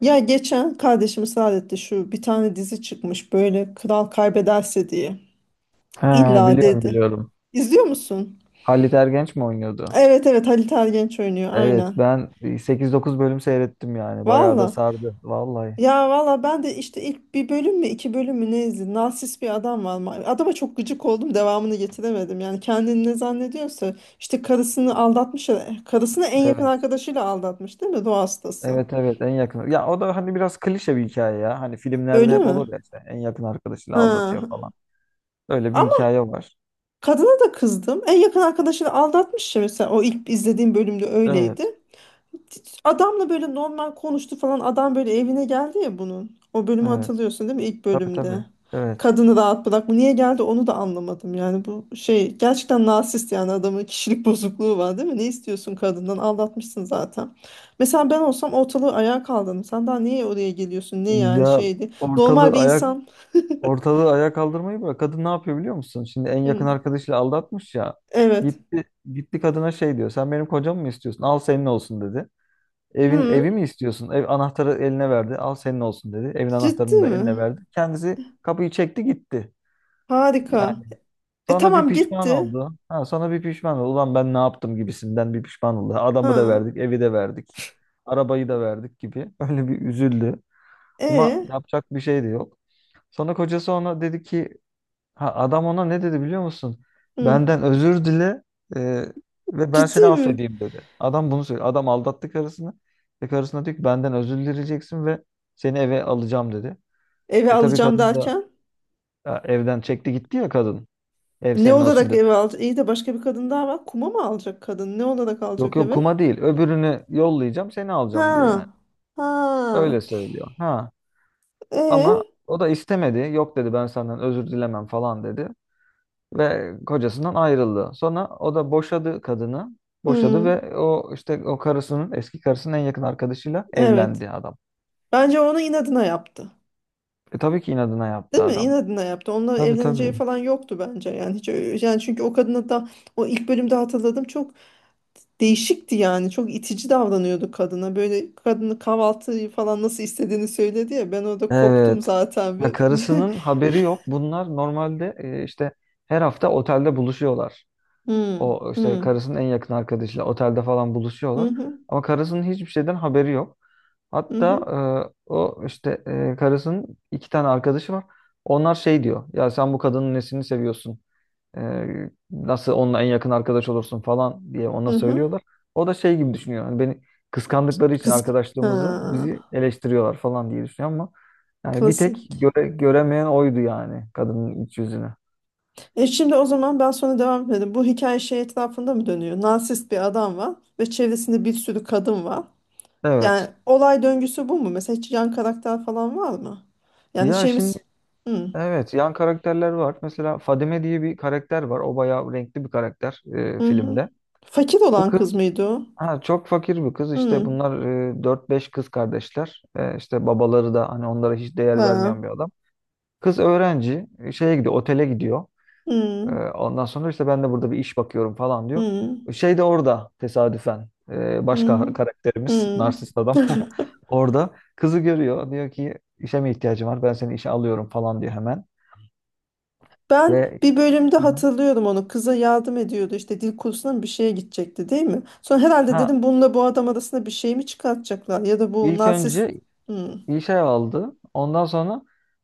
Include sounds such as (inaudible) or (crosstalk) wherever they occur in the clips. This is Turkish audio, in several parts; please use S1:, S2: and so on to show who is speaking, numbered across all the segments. S1: Ya geçen kardeşim ısrar etti şu bir tane dizi çıkmış böyle kral kaybederse diye.
S2: Ha,
S1: İlla
S2: biliyorum
S1: dedi.
S2: biliyorum.
S1: İzliyor musun?
S2: Halit Ergenç mi oynuyordu?
S1: Evet evet Halit Ergenç oynuyor
S2: Evet
S1: aynen.
S2: ben sekiz dokuz bölüm seyrettim yani. Bayağı da
S1: Valla.
S2: sardı vallahi.
S1: Ya valla ben de işte ilk bir bölüm mü iki bölüm mü ne izledim. Narsist bir adam var. Adama çok gıcık oldum devamını getiremedim. Yani kendini ne zannediyorsa işte karısını aldatmış. Karısını en yakın
S2: Evet.
S1: arkadaşıyla aldatmış değil mi? Ruh hastası.
S2: Evet evet en yakın. Ya o da hani biraz klişe bir hikaye ya. Hani filmlerde
S1: Öyle
S2: hep
S1: mi?
S2: olur ya işte en yakın arkadaşıyla aldatıyor
S1: Ha.
S2: falan. Öyle bir
S1: Ama
S2: hikaye var.
S1: kadına da kızdım. En yakın arkadaşını aldatmış ya mesela o ilk izlediğim bölümde
S2: Evet.
S1: öyleydi. Adamla böyle normal konuştu falan. Adam böyle evine geldi ya bunun. O bölümü
S2: Evet.
S1: hatırlıyorsun değil mi ilk
S2: Tabii
S1: bölümde?
S2: tabii. Evet.
S1: Kadını rahat bırak. Bu niye geldi onu da anlamadım. Yani bu şey gerçekten narsist, yani adamın kişilik (laughs) bozukluğu var değil mi? Ne istiyorsun kadından? Aldatmışsın zaten. Mesela ben olsam ortalığı ayağa kaldırdım. Sen daha niye oraya geliyorsun? Ne yani
S2: Ya
S1: şeydi? Normal
S2: ortalığı
S1: bir
S2: ayak
S1: insan.
S2: ortalığı ayağa kaldırmayı bırak. Kadın ne yapıyor biliyor musun? Şimdi en yakın
S1: Hı,
S2: arkadaşıyla aldatmış ya.
S1: evet.
S2: Gitti gitti kadına şey diyor. Sen benim kocamı mı istiyorsun? Al senin olsun dedi. Evin
S1: Hı,
S2: evi mi istiyorsun? Ev anahtarı eline verdi. Al senin olsun dedi. Evin
S1: ciddi
S2: anahtarını da
S1: mi?
S2: eline verdi. Kendisi kapıyı çekti gitti. Yani
S1: Harika. E
S2: sonra bir
S1: tamam
S2: pişman
S1: gitti.
S2: oldu. Ha, sonra bir pişman oldu. Ulan ben ne yaptım gibisinden bir pişman oldu. Adamı da
S1: Ha.
S2: verdik, evi de verdik. Arabayı da verdik gibi. (laughs) Öyle bir üzüldü. Ama
S1: E.
S2: yapacak bir şey de yok. Sonra kocası ona dedi ki Ha, adam ona ne dedi biliyor musun?
S1: Hı.
S2: Benden özür dile e, ve ben seni
S1: Ciddi mi?
S2: affedeyim dedi. Adam bunu söyledi. Adam aldattı karısını. Ve karısına diyor ki benden özür dileyeceksin ve seni eve alacağım dedi.
S1: Eve
S2: Tabii
S1: alacağım
S2: kadın da
S1: derken.
S2: evden çekti gitti ya kadın. Ev
S1: Ne
S2: senin olsun
S1: olarak
S2: dedi.
S1: eve alacak? İyi de başka bir kadın daha var. Kuma mı alacak kadın? Ne olarak
S2: Yok
S1: alacak
S2: yok
S1: eve?
S2: kuma değil. Öbürünü yollayacağım seni alacağım diyor yani.
S1: Ha. Ha.
S2: Öyle söylüyor. Ha ama
S1: E.
S2: o da istemedi. Yok dedi ben senden özür dilemem falan dedi. Ve kocasından ayrıldı. Sonra o da boşadı kadını. Boşadı
S1: Hı.
S2: ve o işte o karısının eski karısının en yakın arkadaşıyla
S1: Evet.
S2: evlendi adam.
S1: Bence onu inadına yaptı.
S2: Tabii ki inadına yaptı
S1: Değil mi?
S2: adam.
S1: İnadına yaptı. Onunla
S2: Tabii tabii.
S1: evleneceği falan yoktu bence. Yani hiç öyle- yani çünkü o kadına da o ilk bölümde hatırladım çok değişikti yani. Çok itici davranıyordu kadına. Böyle kadını kahvaltıyı falan nasıl istediğini söyledi ya. Ben orada koptum
S2: Evet.
S1: zaten
S2: Ya
S1: bir. (laughs)
S2: karısının haberi yok. Bunlar normalde işte her hafta otelde buluşuyorlar.
S1: Hmm,
S2: O işte
S1: hmm,
S2: karısının en yakın arkadaşıyla otelde falan
S1: hı
S2: buluşuyorlar.
S1: hı,
S2: Ama karısının hiçbir şeyden haberi yok.
S1: hı
S2: Hatta
S1: hı,
S2: o işte karısının iki tane arkadaşı var. Onlar şey diyor. Ya sen bu kadının nesini seviyorsun? Nasıl onunla en yakın arkadaş olursun falan diye
S1: hı
S2: ona
S1: hı.
S2: söylüyorlar. O da şey gibi düşünüyor. Hani beni kıskandıkları için
S1: Kız.
S2: arkadaşlığımızı bizi
S1: Ha,
S2: eleştiriyorlar falan diye düşünüyor ama yani bir tek
S1: klasik.
S2: göremeyen oydu yani kadının iç yüzünü.
S1: E şimdi o zaman ben sonra devam edelim. Bu hikaye şey etrafında mı dönüyor? Narsist bir adam var ve çevresinde bir sürü kadın var. Yani
S2: Evet.
S1: olay döngüsü bu mu? Mesela hiç yan karakter falan var mı? Yani
S2: Ya şimdi
S1: şeyimiz... Hı,
S2: evet yan karakterler var. Mesela Fadime diye bir karakter var. O bayağı renkli bir karakter
S1: hı, hı.
S2: filmde.
S1: Fakir
S2: Bu
S1: olan kız
S2: kız
S1: mıydı o?
S2: ha, çok fakir bir kız. İşte
S1: Hı.
S2: bunlar 4-5 kız kardeşler. E, işte babaları da hani onlara hiç değer
S1: Ha.
S2: vermeyen bir adam. Kız öğrenci şeye gidiyor, otele gidiyor. E,
S1: Hmm.
S2: ondan sonra işte ben de burada bir iş bakıyorum falan diyor.
S1: Hmm.
S2: Şey de orada tesadüfen başka
S1: Hmm.
S2: karakterimiz,
S1: Hmm.
S2: narsist adam (laughs)
S1: (laughs)
S2: orada kızı görüyor. Diyor ki işe mi ihtiyacın var? Ben seni işe alıyorum falan diyor hemen.
S1: Ben
S2: Ve
S1: bir bölümde
S2: Hı hı.
S1: hatırlıyorum onu. Kıza yardım ediyordu işte dil kursuna mı bir şeye gidecekti değil mi? Sonra herhalde
S2: ha
S1: dedim bununla bu adam arasında bir şey mi çıkartacaklar ya da bu
S2: ilk
S1: narsist.
S2: önce
S1: Hmm.
S2: işe aldı. Ondan sonra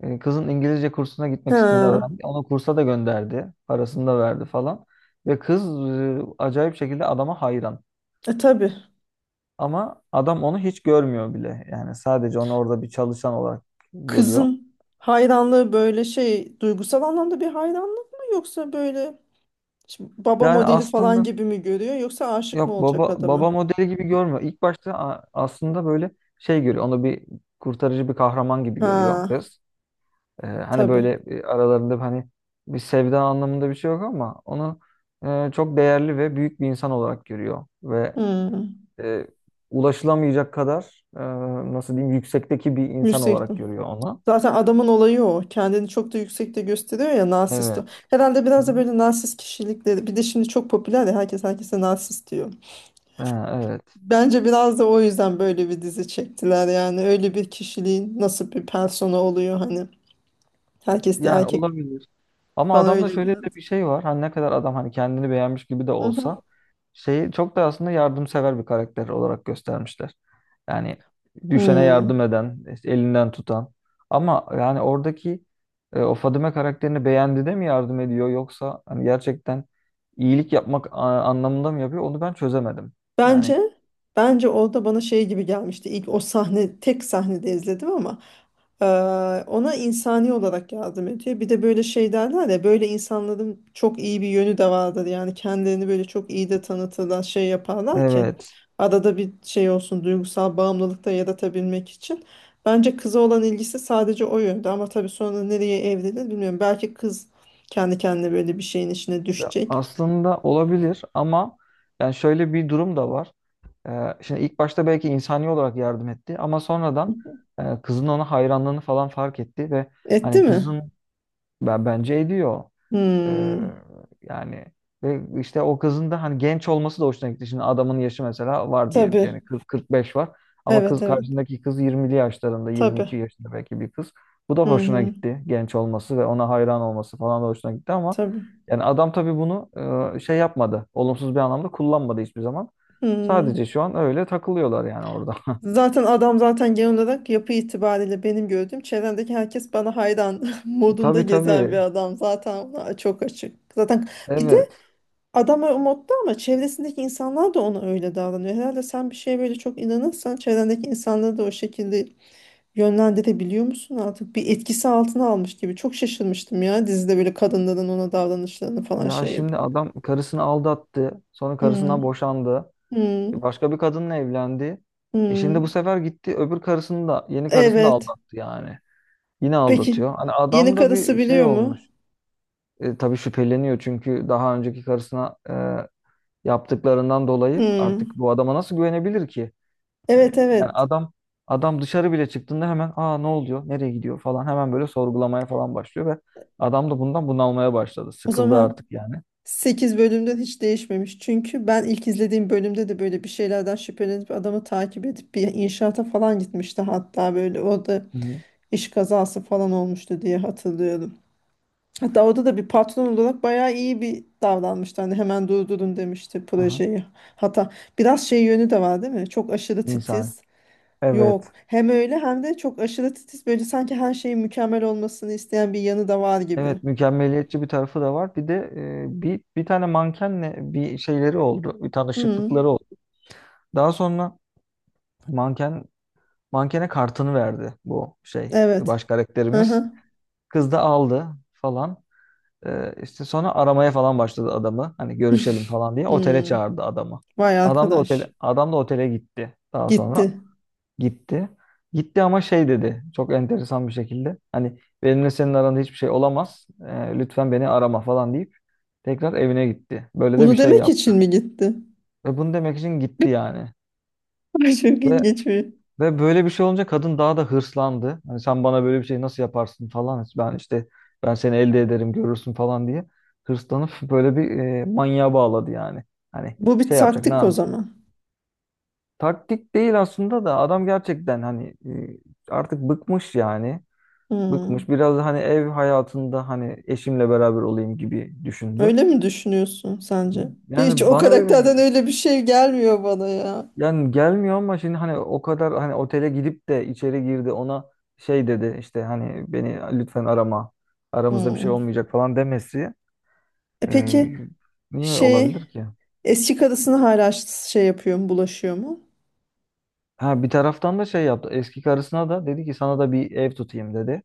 S2: kızın İngilizce kursuna gitmek istediğini
S1: Ha.
S2: öğrendi. Onu kursa da gönderdi. Parasını da verdi falan. Ve kız acayip şekilde adama hayran.
S1: E tabii.
S2: Ama adam onu hiç görmüyor bile. Yani sadece onu orada bir çalışan olarak görüyor.
S1: Kızın hayranlığı böyle şey duygusal anlamda bir hayranlık mı, yoksa böyle şimdi baba
S2: Yani
S1: modeli falan
S2: aslında
S1: gibi mi görüyor, yoksa aşık mı
S2: yok
S1: olacak
S2: baba
S1: adamı?
S2: modeli gibi görmüyor. İlk başta aslında böyle şey görüyor. Onu bir kurtarıcı bir kahraman gibi görüyor
S1: Ha.
S2: kız. Hani
S1: Tabii.
S2: böyle aralarında hani bir sevda anlamında bir şey yok ama onu çok değerli ve büyük bir insan olarak görüyor ve
S1: Hmm.
S2: e, ulaşılamayacak kadar nasıl diyeyim yüksekteki bir insan
S1: Yüksek.
S2: olarak görüyor onu.
S1: Zaten adamın olayı o. Kendini çok da yüksekte gösteriyor ya narsist o.
S2: Evet.
S1: Herhalde
S2: Hı
S1: biraz da
S2: hı.
S1: böyle narsist kişilikleri. Bir de şimdi çok popüler ya, herkes herkese narsist diyor.
S2: Ha, evet.
S1: Bence biraz da o yüzden böyle bir dizi çektiler yani. Öyle bir kişiliğin nasıl bir persona oluyor hani. Herkes de
S2: Yani
S1: erkek.
S2: olabilir. Ama
S1: Bana
S2: adamda
S1: öyle
S2: şöyle de
S1: geldi.
S2: bir şey var. Hani ne kadar adam hani kendini beğenmiş gibi de
S1: Hı hı.
S2: olsa şeyi çok da aslında yardımsever bir karakter olarak göstermişler. Yani düşene
S1: Hmm.
S2: yardım eden, işte elinden tutan. Ama yani oradaki o Fadime karakterini beğendi de mi yardım ediyor yoksa hani gerçekten iyilik yapmak anlamında mı yapıyor onu ben çözemedim. Yani
S1: Bence bence orada bana şey gibi gelmişti. İlk o sahne tek sahnede izledim ama eee, ona insani olarak yardım ediyor. Bir de böyle şey derler ya, böyle insanların çok iyi bir yönü de vardır. Yani kendilerini böyle çok iyi de tanıtırlar, şey yaparlar ki
S2: evet.
S1: arada bir şey olsun, duygusal bağımlılık da yaratabilmek için. Bence kıza olan ilgisi sadece o yönde, ama tabii sonra nereye evrilir bilmiyorum. Belki kız kendi kendine böyle bir şeyin içine
S2: Ya
S1: düşecek.
S2: aslında olabilir ama yani şöyle bir durum da var. Şimdi ilk başta belki insani olarak yardım etti ama sonradan kızın ona hayranlığını falan fark etti ve hani
S1: Etti mi?
S2: kızın ben bence ediyor. Ee,
S1: Hmm,
S2: yani ve işte o kızın da hani genç olması da hoşuna gitti. Şimdi adamın yaşı mesela var diyelim ki yani
S1: tabii.
S2: 40-45 var. Ama
S1: Evet evet.
S2: karşındaki kız 20'li yaşlarında 22
S1: Tabii.
S2: yaşında belki bir kız. Bu da
S1: Hı
S2: hoşuna
S1: hı.
S2: gitti. Genç olması ve ona hayran olması falan da hoşuna gitti ama
S1: Tabii.
S2: yani adam tabii bunu şey yapmadı. Olumsuz bir anlamda kullanmadı hiçbir zaman.
S1: Hı.
S2: Sadece şu an öyle takılıyorlar yani orada. (laughs)
S1: Zaten adam zaten genel olarak yapı itibariyle benim gördüğüm çevremdeki herkes bana hayran (laughs) modunda
S2: Tabii
S1: gezen bir
S2: tabii.
S1: adam. Zaten ona çok açık. Zaten bir de
S2: Evet.
S1: adam o modda, ama çevresindeki insanlar da ona öyle davranıyor. Herhalde sen bir şeye böyle çok inanırsan çevrendeki insanları da o şekilde yönlendirebiliyor musun artık? Bir etkisi altına almış gibi. Çok şaşırmıştım ya, dizide böyle kadınların ona davranışlarını falan
S2: Ya
S1: şey
S2: şimdi
S1: yapıyor.
S2: adam karısını aldattı. Sonra
S1: Hı
S2: karısından boşandı.
S1: hı
S2: Başka bir kadınla evlendi. E
S1: hı.
S2: şimdi bu sefer gitti öbür karısını da yeni karısını da
S1: Evet.
S2: aldattı yani. Yine
S1: Peki
S2: aldatıyor. Hani
S1: yeni
S2: adam da
S1: karısı
S2: bir şey
S1: biliyor mu?
S2: olmuş. Tabii şüpheleniyor çünkü daha önceki karısına yaptıklarından dolayı artık
S1: Hmm.
S2: bu adama nasıl güvenebilir ki? E,
S1: Evet
S2: yani
S1: evet.
S2: adam dışarı bile çıktığında hemen ne oluyor? Nereye gidiyor falan hemen böyle sorgulamaya falan başlıyor ve adam da bundan bunalmaya başladı.
S1: O
S2: Sıkıldı artık
S1: zaman
S2: yani.
S1: sekiz bölümden hiç değişmemiş. Çünkü ben ilk izlediğim bölümde de böyle bir şeylerden şüphelenip adamı takip edip bir inşaata falan gitmişti. Hatta böyle orada
S2: Hı hı.
S1: iş kazası falan olmuştu diye hatırlıyorum. Hatta orada da bir patron olarak bayağı iyi bir davranmıştı. Hani hemen durdurun demişti
S2: Aha.
S1: projeyi. Hatta biraz şey yönü de var değil mi? Çok aşırı
S2: İnsani.
S1: titiz. Yok.
S2: Evet.
S1: Hem öyle hem de çok aşırı titiz, böyle sanki her şeyin mükemmel olmasını isteyen bir yanı da var gibi.
S2: Evet mükemmeliyetçi bir tarafı da var. Bir de bir tane mankenle bir şeyleri oldu. Bir
S1: Hı,
S2: tanışıklıkları oldu. Daha sonra manken mankene kartını verdi bu şey baş
S1: evet.
S2: karakterimiz.
S1: Aha.
S2: Kız da aldı falan. E, işte sonra aramaya falan başladı adamı. Hani görüşelim falan diye otele
S1: Hmm,
S2: çağırdı adamı.
S1: (laughs) vay
S2: Adam da otele
S1: arkadaş.
S2: adam da otele gitti. Daha sonra
S1: Gitti.
S2: gitti. Gitti ama şey dedi. Çok enteresan bir şekilde. Hani benimle senin aranda hiçbir şey olamaz. Lütfen beni arama falan deyip tekrar evine gitti. Böyle de bir
S1: Bunu
S2: şey
S1: demek
S2: yaptı.
S1: için mi gitti?
S2: Ve bunu demek için gitti yani.
S1: (laughs) Ay, çok
S2: Ve
S1: ilginç bir.
S2: ve böyle bir şey olunca kadın daha da hırslandı. Hani sen bana böyle bir şey nasıl yaparsın falan. Ben seni elde ederim görürsün falan diye. Hırslanıp böyle bir manyağa bağladı yani. Hani
S1: Bu bir
S2: şey yapacak ne?
S1: taktik o zaman.
S2: Taktik değil aslında da adam gerçekten hani artık bıkmış yani. Bıkmış.
S1: Hmm,
S2: Biraz da hani ev hayatında hani eşimle beraber olayım gibi düşündü.
S1: öyle mi düşünüyorsun sence? Hiç
S2: Yani
S1: o
S2: bana öyle.
S1: karakterden öyle bir şey gelmiyor bana ya.
S2: Yani gelmiyor ama şimdi hani o kadar hani otele gidip de içeri girdi ona şey dedi işte hani beni lütfen arama aramızda bir şey
S1: Hmm.
S2: olmayacak falan demesi
S1: E
S2: e,
S1: peki
S2: niye olabilir
S1: şey,
S2: ki?
S1: eski karısını hala şey yapıyor mu, bulaşıyor mu?
S2: Ha bir taraftan da şey yaptı eski karısına da dedi ki sana da bir ev tutayım dedi.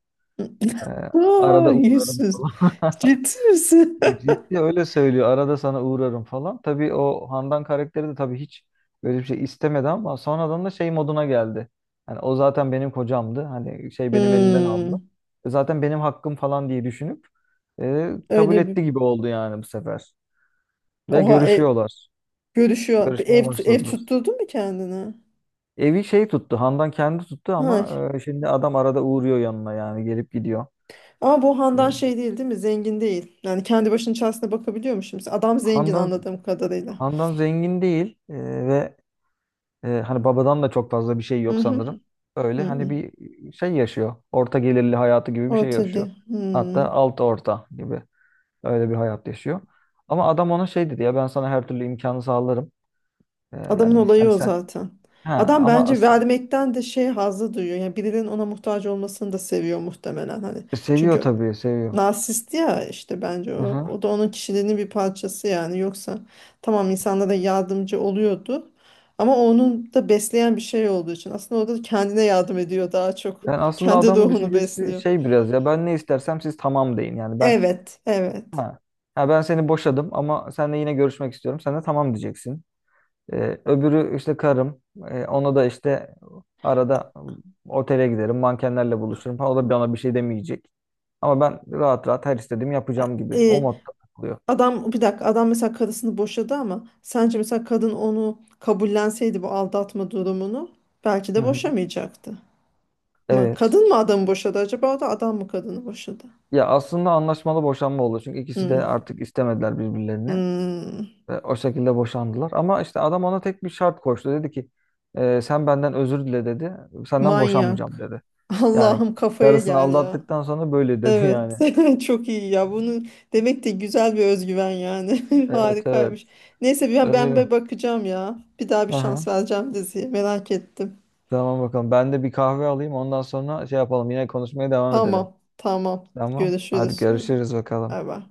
S2: E,
S1: Aa,
S2: arada uğrarım
S1: yüzsüz.
S2: falan. (laughs)
S1: Ciddi misin? (laughs)
S2: Ciddi öyle söylüyor. Arada sana uğrarım falan. Tabii o Handan karakteri de tabii hiç böyle bir şey istemedi ama sonradan da şey moduna geldi. Hani o zaten benim kocamdı. Hani şey benim elimden aldı.
S1: Hmm,
S2: Zaten benim hakkım falan diye düşünüp kabul
S1: öyle bir...
S2: etti gibi oldu yani bu sefer. Ve
S1: Oha e,
S2: görüşüyorlar.
S1: görüşüyor. Bir
S2: Görüşmeye
S1: ev
S2: başladılar.
S1: tutturdun mu kendine?
S2: Evi şey tuttu. Handan kendi tuttu
S1: Ha.
S2: ama şimdi adam arada uğruyor yanına yani gelip gidiyor.
S1: Ama bu Handan
S2: Evet.
S1: şey değil değil mi? Zengin değil. Yani kendi başının çaresine bakabiliyormuş şimdi. Adam zengin
S2: Handan
S1: anladığım kadarıyla.
S2: Handan zengin değil ve hani babadan da çok fazla bir şey
S1: Hı
S2: yok
S1: hı.
S2: sanırım. Öyle
S1: Hı
S2: hani
S1: hı.
S2: bir şey yaşıyor. Orta gelirli hayatı gibi bir
S1: O
S2: şey yaşıyor.
S1: tabii. Hı.
S2: Hatta alt orta gibi öyle bir hayat yaşıyor. Ama adam ona şey dedi ya ben sana her türlü imkanı sağlarım. E,
S1: Adamın
S2: yani
S1: olayı
S2: hani
S1: o
S2: sen
S1: zaten.
S2: ha
S1: Adam
S2: ama
S1: bence vermekten de şey hazzı duyuyor. Yani birinin ona muhtaç olmasını da seviyor muhtemelen hani.
S2: seviyor
S1: Çünkü
S2: tabii seviyor.
S1: narsist ya, işte bence o.
S2: Hı hı.
S1: O da onun kişiliğinin bir parçası yani. Yoksa tamam insanlara yardımcı oluyordu. Ama onun da besleyen bir şey olduğu için aslında o da kendine yardım ediyor daha çok.
S2: Yani aslında
S1: Kendi
S2: adamın
S1: ruhunu
S2: düşüncesi
S1: besliyor.
S2: şey biraz ya ben ne istersem siz tamam deyin. Yani ben
S1: Evet, evet.
S2: ha, seni boşadım ama seninle yine görüşmek istiyorum. Sen de tamam diyeceksin. Öbürü işte karım. Ona da işte arada otele giderim, mankenlerle buluşurum falan. O da bana bir şey demeyecek. Ama ben rahat rahat her istediğimi yapacağım gibi. O
S1: E,
S2: modda takılıyor.
S1: adam bir dakika, adam mesela karısını boşadı, ama sence mesela kadın onu kabullenseydi bu aldatma durumunu belki
S2: Hı
S1: de
S2: hı.
S1: boşamayacaktı. Mı?
S2: Evet.
S1: Kadın mı adamı boşadı acaba, o da adam mı kadını boşadı?
S2: Ya aslında anlaşmalı boşanma oldu. Çünkü ikisi de
S1: Hmm.
S2: artık istemediler birbirlerini.
S1: Hmm.
S2: Ve o şekilde boşandılar. Ama işte adam ona tek bir şart koştu. Dedi ki sen benden özür dile" dedi. Senden boşanmayacağım
S1: Manyak.
S2: dedi.
S1: (laughs)
S2: Yani
S1: Allah'ım kafaya
S2: karısını
S1: gel ya.
S2: aldattıktan sonra böyle dedi
S1: Evet.
S2: yani.
S1: (laughs) Çok iyi ya. Bunu demek de güzel bir özgüven yani. (laughs)
S2: Evet evet.
S1: Harikaymış. Neyse ben
S2: Öyle.
S1: bir bakacağım ya. Bir daha bir
S2: Aha.
S1: şans vereceğim diziye. Merak ettim.
S2: Tamam bakalım. Ben de bir kahve alayım. Ondan sonra şey yapalım. Yine konuşmaya devam edelim.
S1: Tamam. Tamam.
S2: Tamam. Hadi
S1: Görüşürüz. Hadi.
S2: görüşürüz bakalım.
S1: Bay bay.